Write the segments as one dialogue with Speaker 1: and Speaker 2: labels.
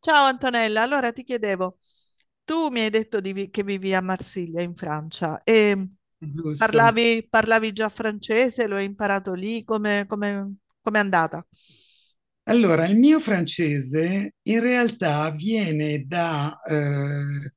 Speaker 1: Ciao Antonella, allora ti chiedevo, tu mi hai detto che vivi a Marsiglia in Francia e
Speaker 2: Giusto.
Speaker 1: parlavi già francese, lo hai imparato lì, come è andata?
Speaker 2: Allora, il mio francese in realtà viene da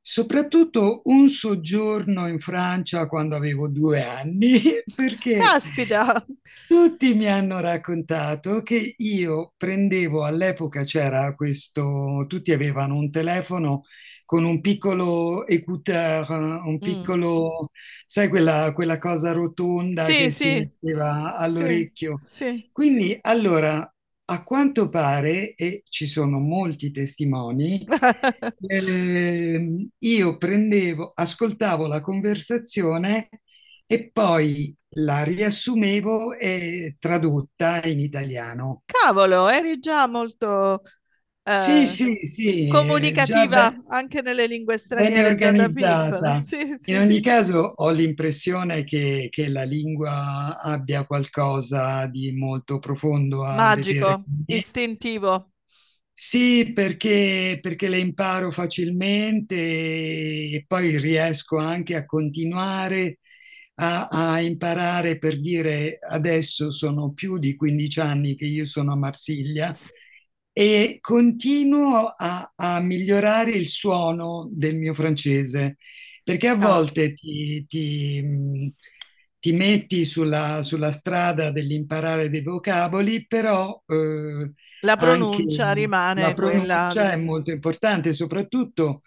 Speaker 2: soprattutto un soggiorno in Francia quando avevo 2 anni, perché
Speaker 1: Caspita!
Speaker 2: tutti mi hanno raccontato che io prendevo all'epoca c'era questo, tutti avevano un telefono con un piccolo écouteur, un
Speaker 1: Mm.
Speaker 2: piccolo, sai, quella cosa rotonda
Speaker 1: Sì,
Speaker 2: che si
Speaker 1: sì,
Speaker 2: metteva
Speaker 1: sì,
Speaker 2: all'orecchio.
Speaker 1: sì.
Speaker 2: Quindi, allora, a quanto pare, e ci sono molti testimoni, io prendevo, ascoltavo la conversazione. E poi la riassumevo e tradotta in italiano.
Speaker 1: Cavolo, eri già molto
Speaker 2: Sì,
Speaker 1: eh,
Speaker 2: sì, sì, già
Speaker 1: comunicativa anche nelle lingue
Speaker 2: bene
Speaker 1: straniere già da piccola.
Speaker 2: organizzata.
Speaker 1: Sì,
Speaker 2: In
Speaker 1: sì, sì.
Speaker 2: ogni caso ho l'impressione che la lingua abbia qualcosa di molto profondo a vedere
Speaker 1: Magico,
Speaker 2: con me.
Speaker 1: istintivo.
Speaker 2: Sì, perché, perché le imparo facilmente e poi riesco anche a continuare a, a imparare, per dire, adesso sono più di 15 anni che io sono a Marsiglia e continuo a, a migliorare il suono del mio francese, perché a
Speaker 1: Ah.
Speaker 2: volte ti metti sulla, sulla strada dell'imparare dei vocaboli, però...
Speaker 1: La
Speaker 2: anche
Speaker 1: pronuncia
Speaker 2: la
Speaker 1: rimane quella.
Speaker 2: pronuncia è molto importante, soprattutto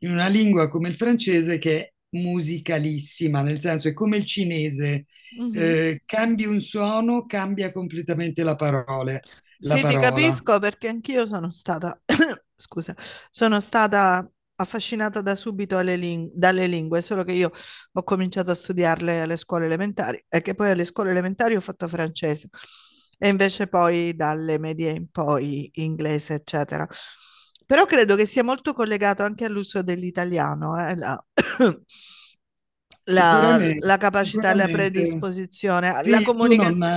Speaker 2: in una lingua come il francese che è musicalissima, nel senso è come il cinese,
Speaker 1: Mhm.
Speaker 2: cambi un suono, cambia completamente la la
Speaker 1: Sì, ti
Speaker 2: parola.
Speaker 1: capisco perché anch'io sono stata, scusa, sono stata affascinata da subito dalle lingue, solo che io ho cominciato a studiarle alle scuole elementari e che poi alle scuole elementari ho fatto francese e invece poi dalle medie in poi inglese, eccetera. Però credo che sia molto collegato anche all'uso dell'italiano, La
Speaker 2: Sicuramente,
Speaker 1: capacità, la
Speaker 2: sicuramente.
Speaker 1: predisposizione, la
Speaker 2: Sì, tu non,
Speaker 1: comunicazione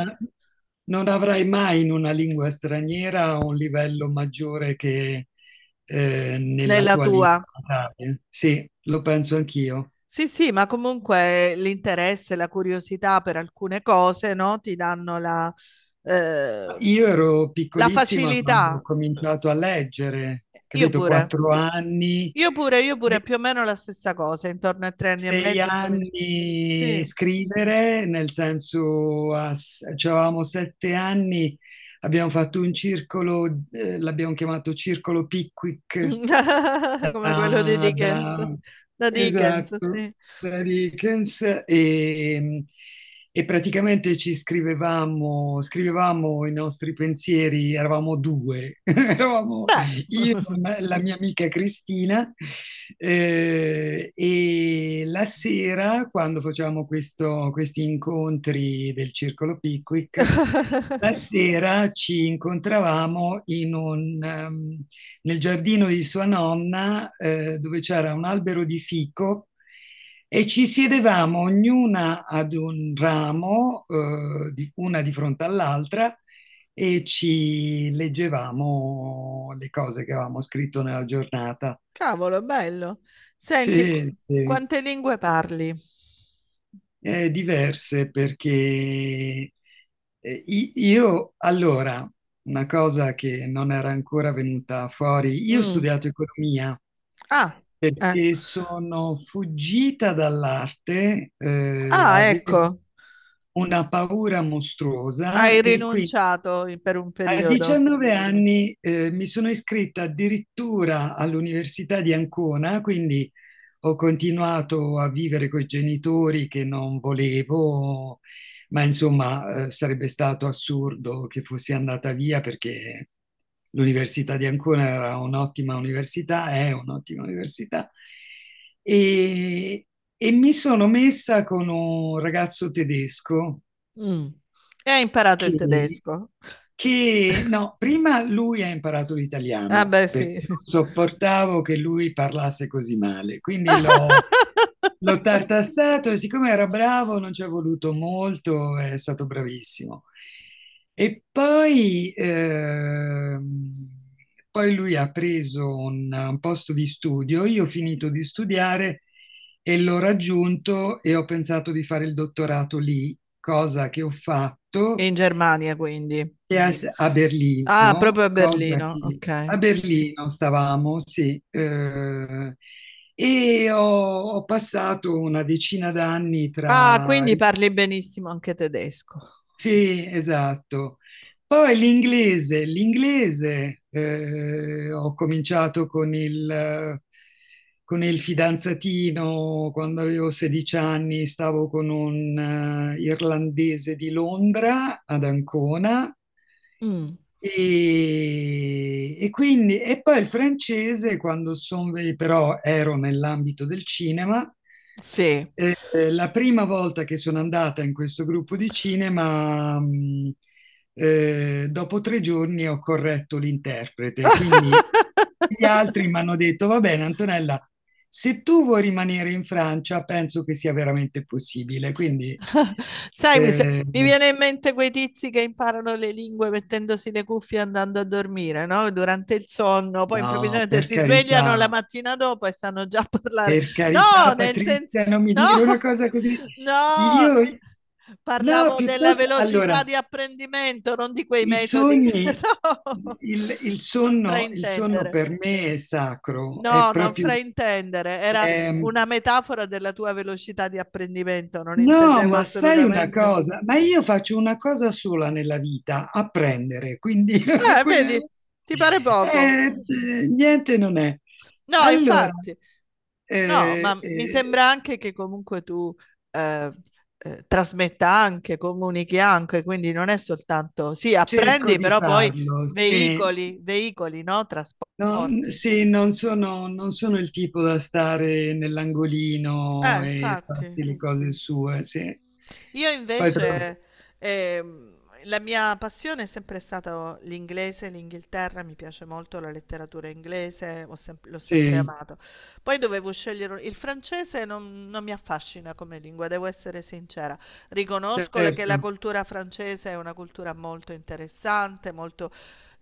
Speaker 2: non avrai mai in una lingua straniera un livello maggiore che nella
Speaker 1: nella
Speaker 2: tua lingua
Speaker 1: tua.
Speaker 2: natale. Sì, lo penso anch'io.
Speaker 1: Sì, sì, ma comunque l'interesse, la curiosità per alcune cose, no? Ti danno la, eh,
Speaker 2: Io ero
Speaker 1: la
Speaker 2: piccolissima quando ho
Speaker 1: facilità.
Speaker 2: cominciato a leggere,
Speaker 1: Io
Speaker 2: capito?
Speaker 1: pure,
Speaker 2: 4 anni,
Speaker 1: io pure, io
Speaker 2: se-
Speaker 1: pure, più o meno la stessa cosa, intorno ai tre anni e
Speaker 2: sei
Speaker 1: mezzo. Sì,
Speaker 2: anni scrivere, nel senso, cioè, avevamo 7 anni, abbiamo fatto un circolo, l'abbiamo chiamato Circolo Pickwick,
Speaker 1: come quello di
Speaker 2: da,
Speaker 1: Dickens,
Speaker 2: da-
Speaker 1: da Dickens,
Speaker 2: esatto,
Speaker 1: sì.
Speaker 2: da Dickens e praticamente ci scrivevamo, scrivevamo i nostri pensieri, eravamo due, eravamo
Speaker 1: Beh.
Speaker 2: io e la mia amica Cristina, e la sera quando facevamo questi incontri del Circolo Pickwick, la sera ci incontravamo in un, nel giardino di sua nonna dove c'era un albero di fico e ci siedevamo ognuna ad un ramo, una di fronte all'altra, e ci leggevamo le cose che avevamo scritto nella giornata.
Speaker 1: Cavolo, è bello. Senti,
Speaker 2: Sì, sì.
Speaker 1: quante lingue parli?
Speaker 2: Diverse perché io allora, una cosa che non era ancora venuta fuori, io ho
Speaker 1: Mm.
Speaker 2: studiato economia
Speaker 1: Ah, eh.
Speaker 2: perché sono fuggita dall'arte,
Speaker 1: Ah,
Speaker 2: avevo
Speaker 1: ecco,
Speaker 2: una paura mostruosa e quindi
Speaker 1: per un
Speaker 2: a
Speaker 1: periodo.
Speaker 2: 19 anni mi sono iscritta addirittura all'Università di Ancona, quindi ho continuato a vivere con i genitori che non volevo, ma insomma sarebbe stato assurdo che fossi andata via perché l'Università di Ancona era un'ottima università, è un'ottima università. E, e mi sono messa con un ragazzo tedesco
Speaker 1: Mm. E hai imparato il
Speaker 2: che
Speaker 1: tedesco.
Speaker 2: no, prima lui ha imparato
Speaker 1: Ah,
Speaker 2: l'italiano
Speaker 1: beh,
Speaker 2: perché
Speaker 1: sì.
Speaker 2: non sopportavo che lui parlasse così male, quindi l'ho tartassato e siccome era bravo non ci è voluto molto, è stato bravissimo. E poi, poi lui ha preso un posto di studio, io ho finito di studiare e l'ho raggiunto e ho pensato di fare il dottorato lì, cosa che ho fatto
Speaker 1: In Germania, quindi.
Speaker 2: e a, a
Speaker 1: Ah,
Speaker 2: Berlino,
Speaker 1: proprio a
Speaker 2: cosa
Speaker 1: Berlino,
Speaker 2: che
Speaker 1: ok.
Speaker 2: a Berlino stavamo, sì, e ho, ho passato una decina d'anni
Speaker 1: Ah,
Speaker 2: tra...
Speaker 1: quindi parli benissimo anche tedesco.
Speaker 2: Sì, esatto. Poi l'inglese, l'inglese, ho cominciato con il fidanzatino quando avevo 16 anni, stavo con un irlandese di Londra, ad Ancona,
Speaker 1: Mm.
Speaker 2: e quindi, e poi il francese, quando però ero nell'ambito del cinema,
Speaker 1: Sì.
Speaker 2: la prima volta che sono andata in questo gruppo di cinema, dopo 3 giorni ho corretto l'interprete, quindi gli altri mi hanno detto, va bene, Antonella, se tu vuoi rimanere in Francia, penso che sia veramente possibile, quindi...
Speaker 1: Sai, mi, se-
Speaker 2: Eh,
Speaker 1: mi viene in mente quei tizi che imparano le lingue mettendosi le cuffie e andando a dormire, no? Durante il sonno, poi
Speaker 2: no,
Speaker 1: improvvisamente
Speaker 2: per
Speaker 1: si svegliano la
Speaker 2: carità.
Speaker 1: mattina dopo e sanno già parlare.
Speaker 2: Per
Speaker 1: No,
Speaker 2: carità,
Speaker 1: nel senso,
Speaker 2: Patrizia, non mi
Speaker 1: no,
Speaker 2: dire una cosa così.
Speaker 1: no,
Speaker 2: Io, no,
Speaker 1: parlavo della
Speaker 2: piuttosto,
Speaker 1: velocità
Speaker 2: allora,
Speaker 1: di apprendimento, non di quei
Speaker 2: i
Speaker 1: metodi che
Speaker 2: sogni,
Speaker 1: no, non
Speaker 2: il sonno
Speaker 1: fraintendere.
Speaker 2: per me è sacro, è
Speaker 1: No, non
Speaker 2: proprio...
Speaker 1: fraintendere, era
Speaker 2: ehm,
Speaker 1: una metafora della tua velocità di apprendimento, non
Speaker 2: no,
Speaker 1: intendevo
Speaker 2: ma sai una
Speaker 1: assolutamente.
Speaker 2: cosa, ma io faccio una cosa sola nella vita, apprendere, quindi,
Speaker 1: Vedi,
Speaker 2: quindi-
Speaker 1: ti pare poco.
Speaker 2: niente non è.
Speaker 1: No,
Speaker 2: Allora,
Speaker 1: infatti, no, ma
Speaker 2: eh,
Speaker 1: mi
Speaker 2: eh,
Speaker 1: sembra anche che comunque tu eh, trasmetta anche, comunichi anche, quindi non è soltanto, sì,
Speaker 2: cerco
Speaker 1: apprendi,
Speaker 2: di
Speaker 1: però poi
Speaker 2: farlo, sì.
Speaker 1: veicoli, no?
Speaker 2: No,
Speaker 1: Trasporti.
Speaker 2: sì, non sono il tipo da stare nell'angolino e
Speaker 1: Infatti.
Speaker 2: farsi le cose sue, sì.
Speaker 1: Io
Speaker 2: Poi tra-
Speaker 1: invece, ehm, la mia passione è sempre stata l'inglese, l'Inghilterra, mi piace molto la letteratura inglese, l'ho sempre
Speaker 2: sì,
Speaker 1: amato. Poi dovevo scegliere il francese, non mi affascina come lingua, devo essere sincera. Riconosco che la
Speaker 2: certo.
Speaker 1: cultura francese è una cultura molto interessante, molto...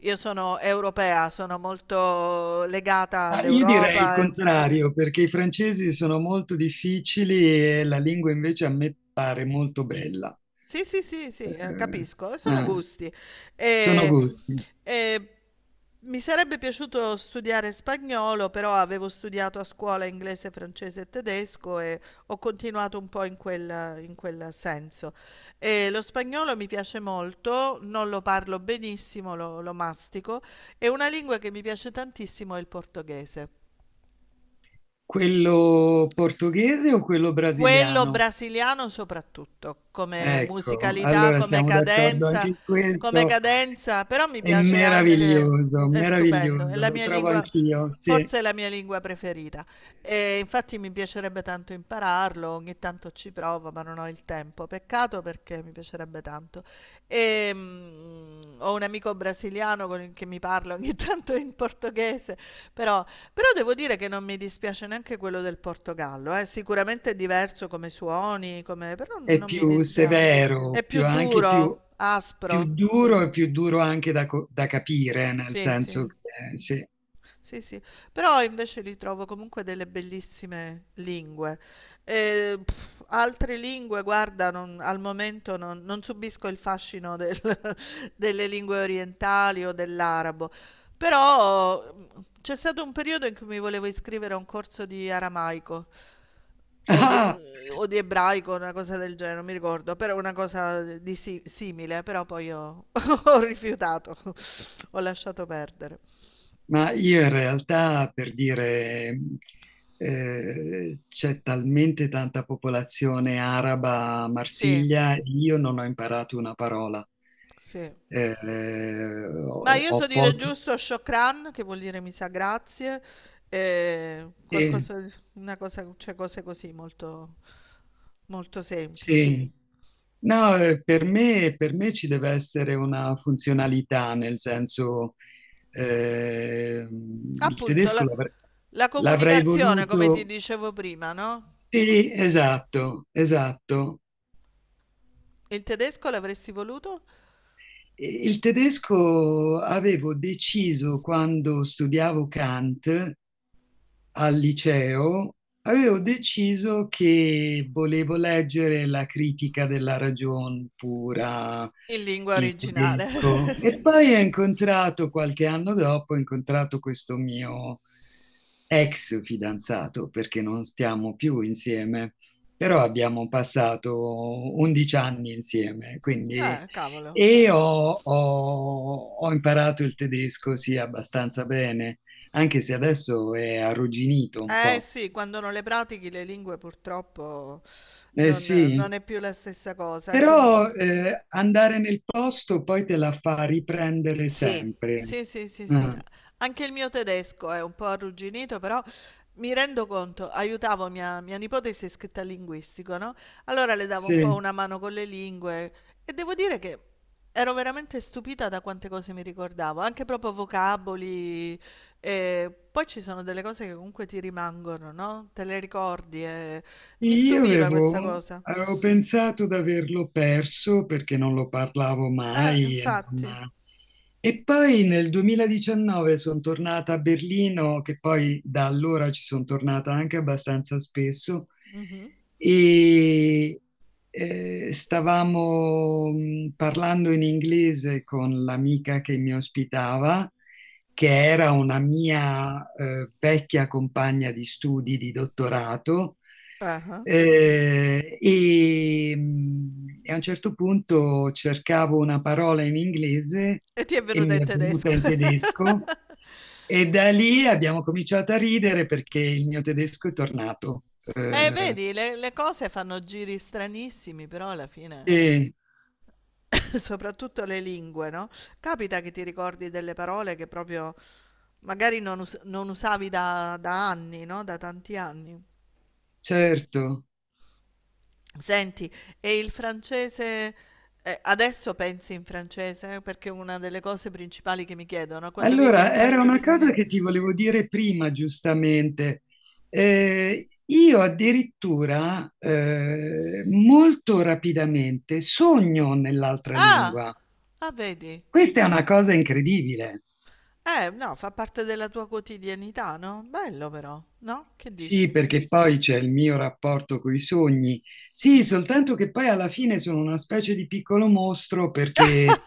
Speaker 1: Io sono europea, sono molto legata
Speaker 2: Ma io direi il
Speaker 1: all'Europa, eh.
Speaker 2: contrario, perché i francesi sono molto difficili e la lingua invece a me pare molto bella.
Speaker 1: Sì, sì, sì, sì,
Speaker 2: Eh,
Speaker 1: capisco, sono
Speaker 2: eh,
Speaker 1: gusti.
Speaker 2: sono
Speaker 1: E,
Speaker 2: gusti.
Speaker 1: e mi sarebbe piaciuto studiare spagnolo, però avevo studiato a scuola inglese, francese e tedesco e ho continuato un po' in quel senso. E lo spagnolo mi piace molto, non lo parlo benissimo, lo mastico, e una lingua che mi piace tantissimo è il portoghese.
Speaker 2: Quello portoghese o quello
Speaker 1: Quello
Speaker 2: brasiliano?
Speaker 1: brasiliano soprattutto, come
Speaker 2: Ecco,
Speaker 1: musicalità,
Speaker 2: allora siamo d'accordo anche in
Speaker 1: come
Speaker 2: questo.
Speaker 1: cadenza, però mi
Speaker 2: È
Speaker 1: piace anche,
Speaker 2: meraviglioso,
Speaker 1: è stupendo, è
Speaker 2: meraviglioso,
Speaker 1: la
Speaker 2: lo
Speaker 1: mia
Speaker 2: trovo
Speaker 1: lingua,
Speaker 2: anch'io, sì,
Speaker 1: forse è la mia lingua preferita. E infatti mi piacerebbe tanto impararlo, ogni tanto ci provo, ma non ho il tempo. Peccato perché mi piacerebbe tanto. E, ho un amico brasiliano con il che mi parla ogni tanto in portoghese, però però devo dire che non mi dispiace neanche quello del Portogallo, eh. Sicuramente è diverso come suoni, come... però
Speaker 2: è
Speaker 1: non mi dispiace. È più duro,
Speaker 2: più
Speaker 1: aspro.
Speaker 2: duro e più duro anche da capire, nel
Speaker 1: Sì,
Speaker 2: senso
Speaker 1: sì,
Speaker 2: che, sì.
Speaker 1: sì, sì. Però invece li trovo comunque delle bellissime lingue. Pff, altre lingue, guarda, al momento non subisco il fascino delle lingue orientali o dell'arabo. Però c'è stato un periodo in cui mi volevo iscrivere a un corso di aramaico. o di, o di ebraico, una cosa del genere, non mi ricordo, però una cosa simile, però poi ho, ho rifiutato, ho lasciato perdere.
Speaker 2: Ma io in realtà, per dire, c'è talmente tanta popolazione araba a
Speaker 1: Sì,
Speaker 2: Marsiglia, io non ho imparato una parola.
Speaker 1: sì. Ma io so
Speaker 2: Ho
Speaker 1: dire
Speaker 2: pochi...
Speaker 1: giusto shokran, che vuol dire mi sa grazie, e
Speaker 2: Sì,
Speaker 1: qualcosa, una cosa, cioè cose così molto, molto semplici.
Speaker 2: sì. No, per me ci deve essere una funzionalità, nel senso, eh, il
Speaker 1: Appunto,
Speaker 2: tedesco
Speaker 1: la, la
Speaker 2: l'avrei
Speaker 1: comunicazione, come ti
Speaker 2: voluto...
Speaker 1: dicevo prima, no?
Speaker 2: Sì, esatto, esatto.
Speaker 1: Il tedesco l'avresti voluto
Speaker 2: Il tedesco avevo deciso quando studiavo Kant al liceo, avevo deciso che volevo leggere la critica della ragion pura
Speaker 1: in lingua
Speaker 2: in
Speaker 1: originale.
Speaker 2: tedesco e poi ho incontrato, qualche anno dopo, ho incontrato questo mio ex fidanzato, perché non stiamo più insieme, però abbiamo passato 11 anni insieme, quindi...
Speaker 1: Cavolo.
Speaker 2: E ho, ho imparato il tedesco, sì, abbastanza bene anche se adesso è arrugginito un
Speaker 1: Eh
Speaker 2: po'.
Speaker 1: sì, quando non le pratichi le lingue purtroppo
Speaker 2: Eh
Speaker 1: non,
Speaker 2: sì,
Speaker 1: non è più la stessa cosa. Anche
Speaker 2: però andare nel posto poi te la fa riprendere
Speaker 1: Sì,
Speaker 2: sempre.
Speaker 1: sì, sì, sì, sì.
Speaker 2: Ah,
Speaker 1: Anche il mio tedesco è un po' arrugginito, però mi rendo conto, aiutavo mia nipote si è iscritta al linguistico, no? Allora le davo un po'
Speaker 2: sì,
Speaker 1: una mano con le lingue e devo dire che ero veramente stupita da quante cose mi ricordavo, anche proprio vocaboli. E poi ci sono delle cose che comunque ti rimangono, no? Te le ricordi e mi
Speaker 2: io
Speaker 1: stupiva questa
Speaker 2: avevo,
Speaker 1: cosa.
Speaker 2: avevo pensato di averlo perso perché non lo parlavo mai e
Speaker 1: Infatti.
Speaker 2: non, e poi nel 2019 sono tornata a Berlino, che poi da allora ci sono tornata anche abbastanza spesso,
Speaker 1: Mhm.
Speaker 2: e stavamo parlando in inglese con l'amica che mi ospitava, che era una mia vecchia compagna di studi di dottorato,
Speaker 1: Ah, ah.
Speaker 2: e a un certo punto cercavo una parola in inglese
Speaker 1: E ti è
Speaker 2: e
Speaker 1: venuta
Speaker 2: mi
Speaker 1: in
Speaker 2: è
Speaker 1: tedesco.
Speaker 2: venuta in tedesco e da lì abbiamo cominciato a ridere perché il mio tedesco è tornato.
Speaker 1: Vedi, le cose fanno giri stranissimi, però alla fine,
Speaker 2: Sì,
Speaker 1: soprattutto le lingue, no? Capita che ti ricordi delle parole che proprio magari non usavi da anni, no? Da tanti anni.
Speaker 2: certo.
Speaker 1: Senti, e il francese, adesso pensi in francese? Perché è una delle cose principali che mi chiedono, no? Quando vivi in
Speaker 2: Allora,
Speaker 1: un
Speaker 2: era
Speaker 1: paese
Speaker 2: una cosa
Speaker 1: straniero...
Speaker 2: che ti volevo dire prima, giustamente. Io addirittura molto rapidamente sogno nell'altra
Speaker 1: Ah!
Speaker 2: lingua.
Speaker 1: Ah, vedi?
Speaker 2: Questa è una cosa incredibile.
Speaker 1: No, fa parte della tua quotidianità, no? Bello però, no? Che
Speaker 2: Sì,
Speaker 1: dici?
Speaker 2: perché poi c'è il mio rapporto con i sogni. Sì, soltanto che poi alla fine sono una specie di piccolo mostro perché,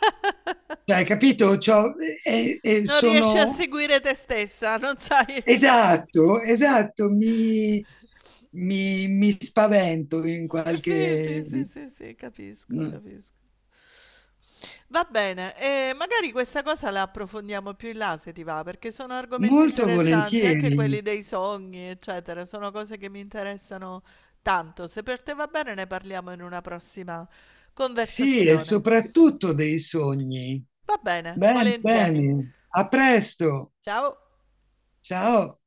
Speaker 2: cioè, hai capito? C'ho- e
Speaker 1: Non riesci a
Speaker 2: sono...
Speaker 1: seguire te stessa, non sai. No.
Speaker 2: Esatto, esatto, mi, mi spavento in
Speaker 1: Sì, sì,
Speaker 2: qualche...
Speaker 1: sì, sì, sì, capisco, capisco. Va bene, e magari questa cosa la approfondiamo più in là se ti va, perché sono argomenti
Speaker 2: Molto
Speaker 1: interessanti, anche
Speaker 2: volentieri.
Speaker 1: quelli dei sogni, eccetera, sono cose che mi interessano tanto. Se per te va bene, ne parliamo in una prossima
Speaker 2: Sì, e
Speaker 1: conversazione.
Speaker 2: soprattutto dei sogni.
Speaker 1: Va bene,
Speaker 2: Bene,
Speaker 1: volentieri.
Speaker 2: bene. A presto.
Speaker 1: Ciao.
Speaker 2: Ciao.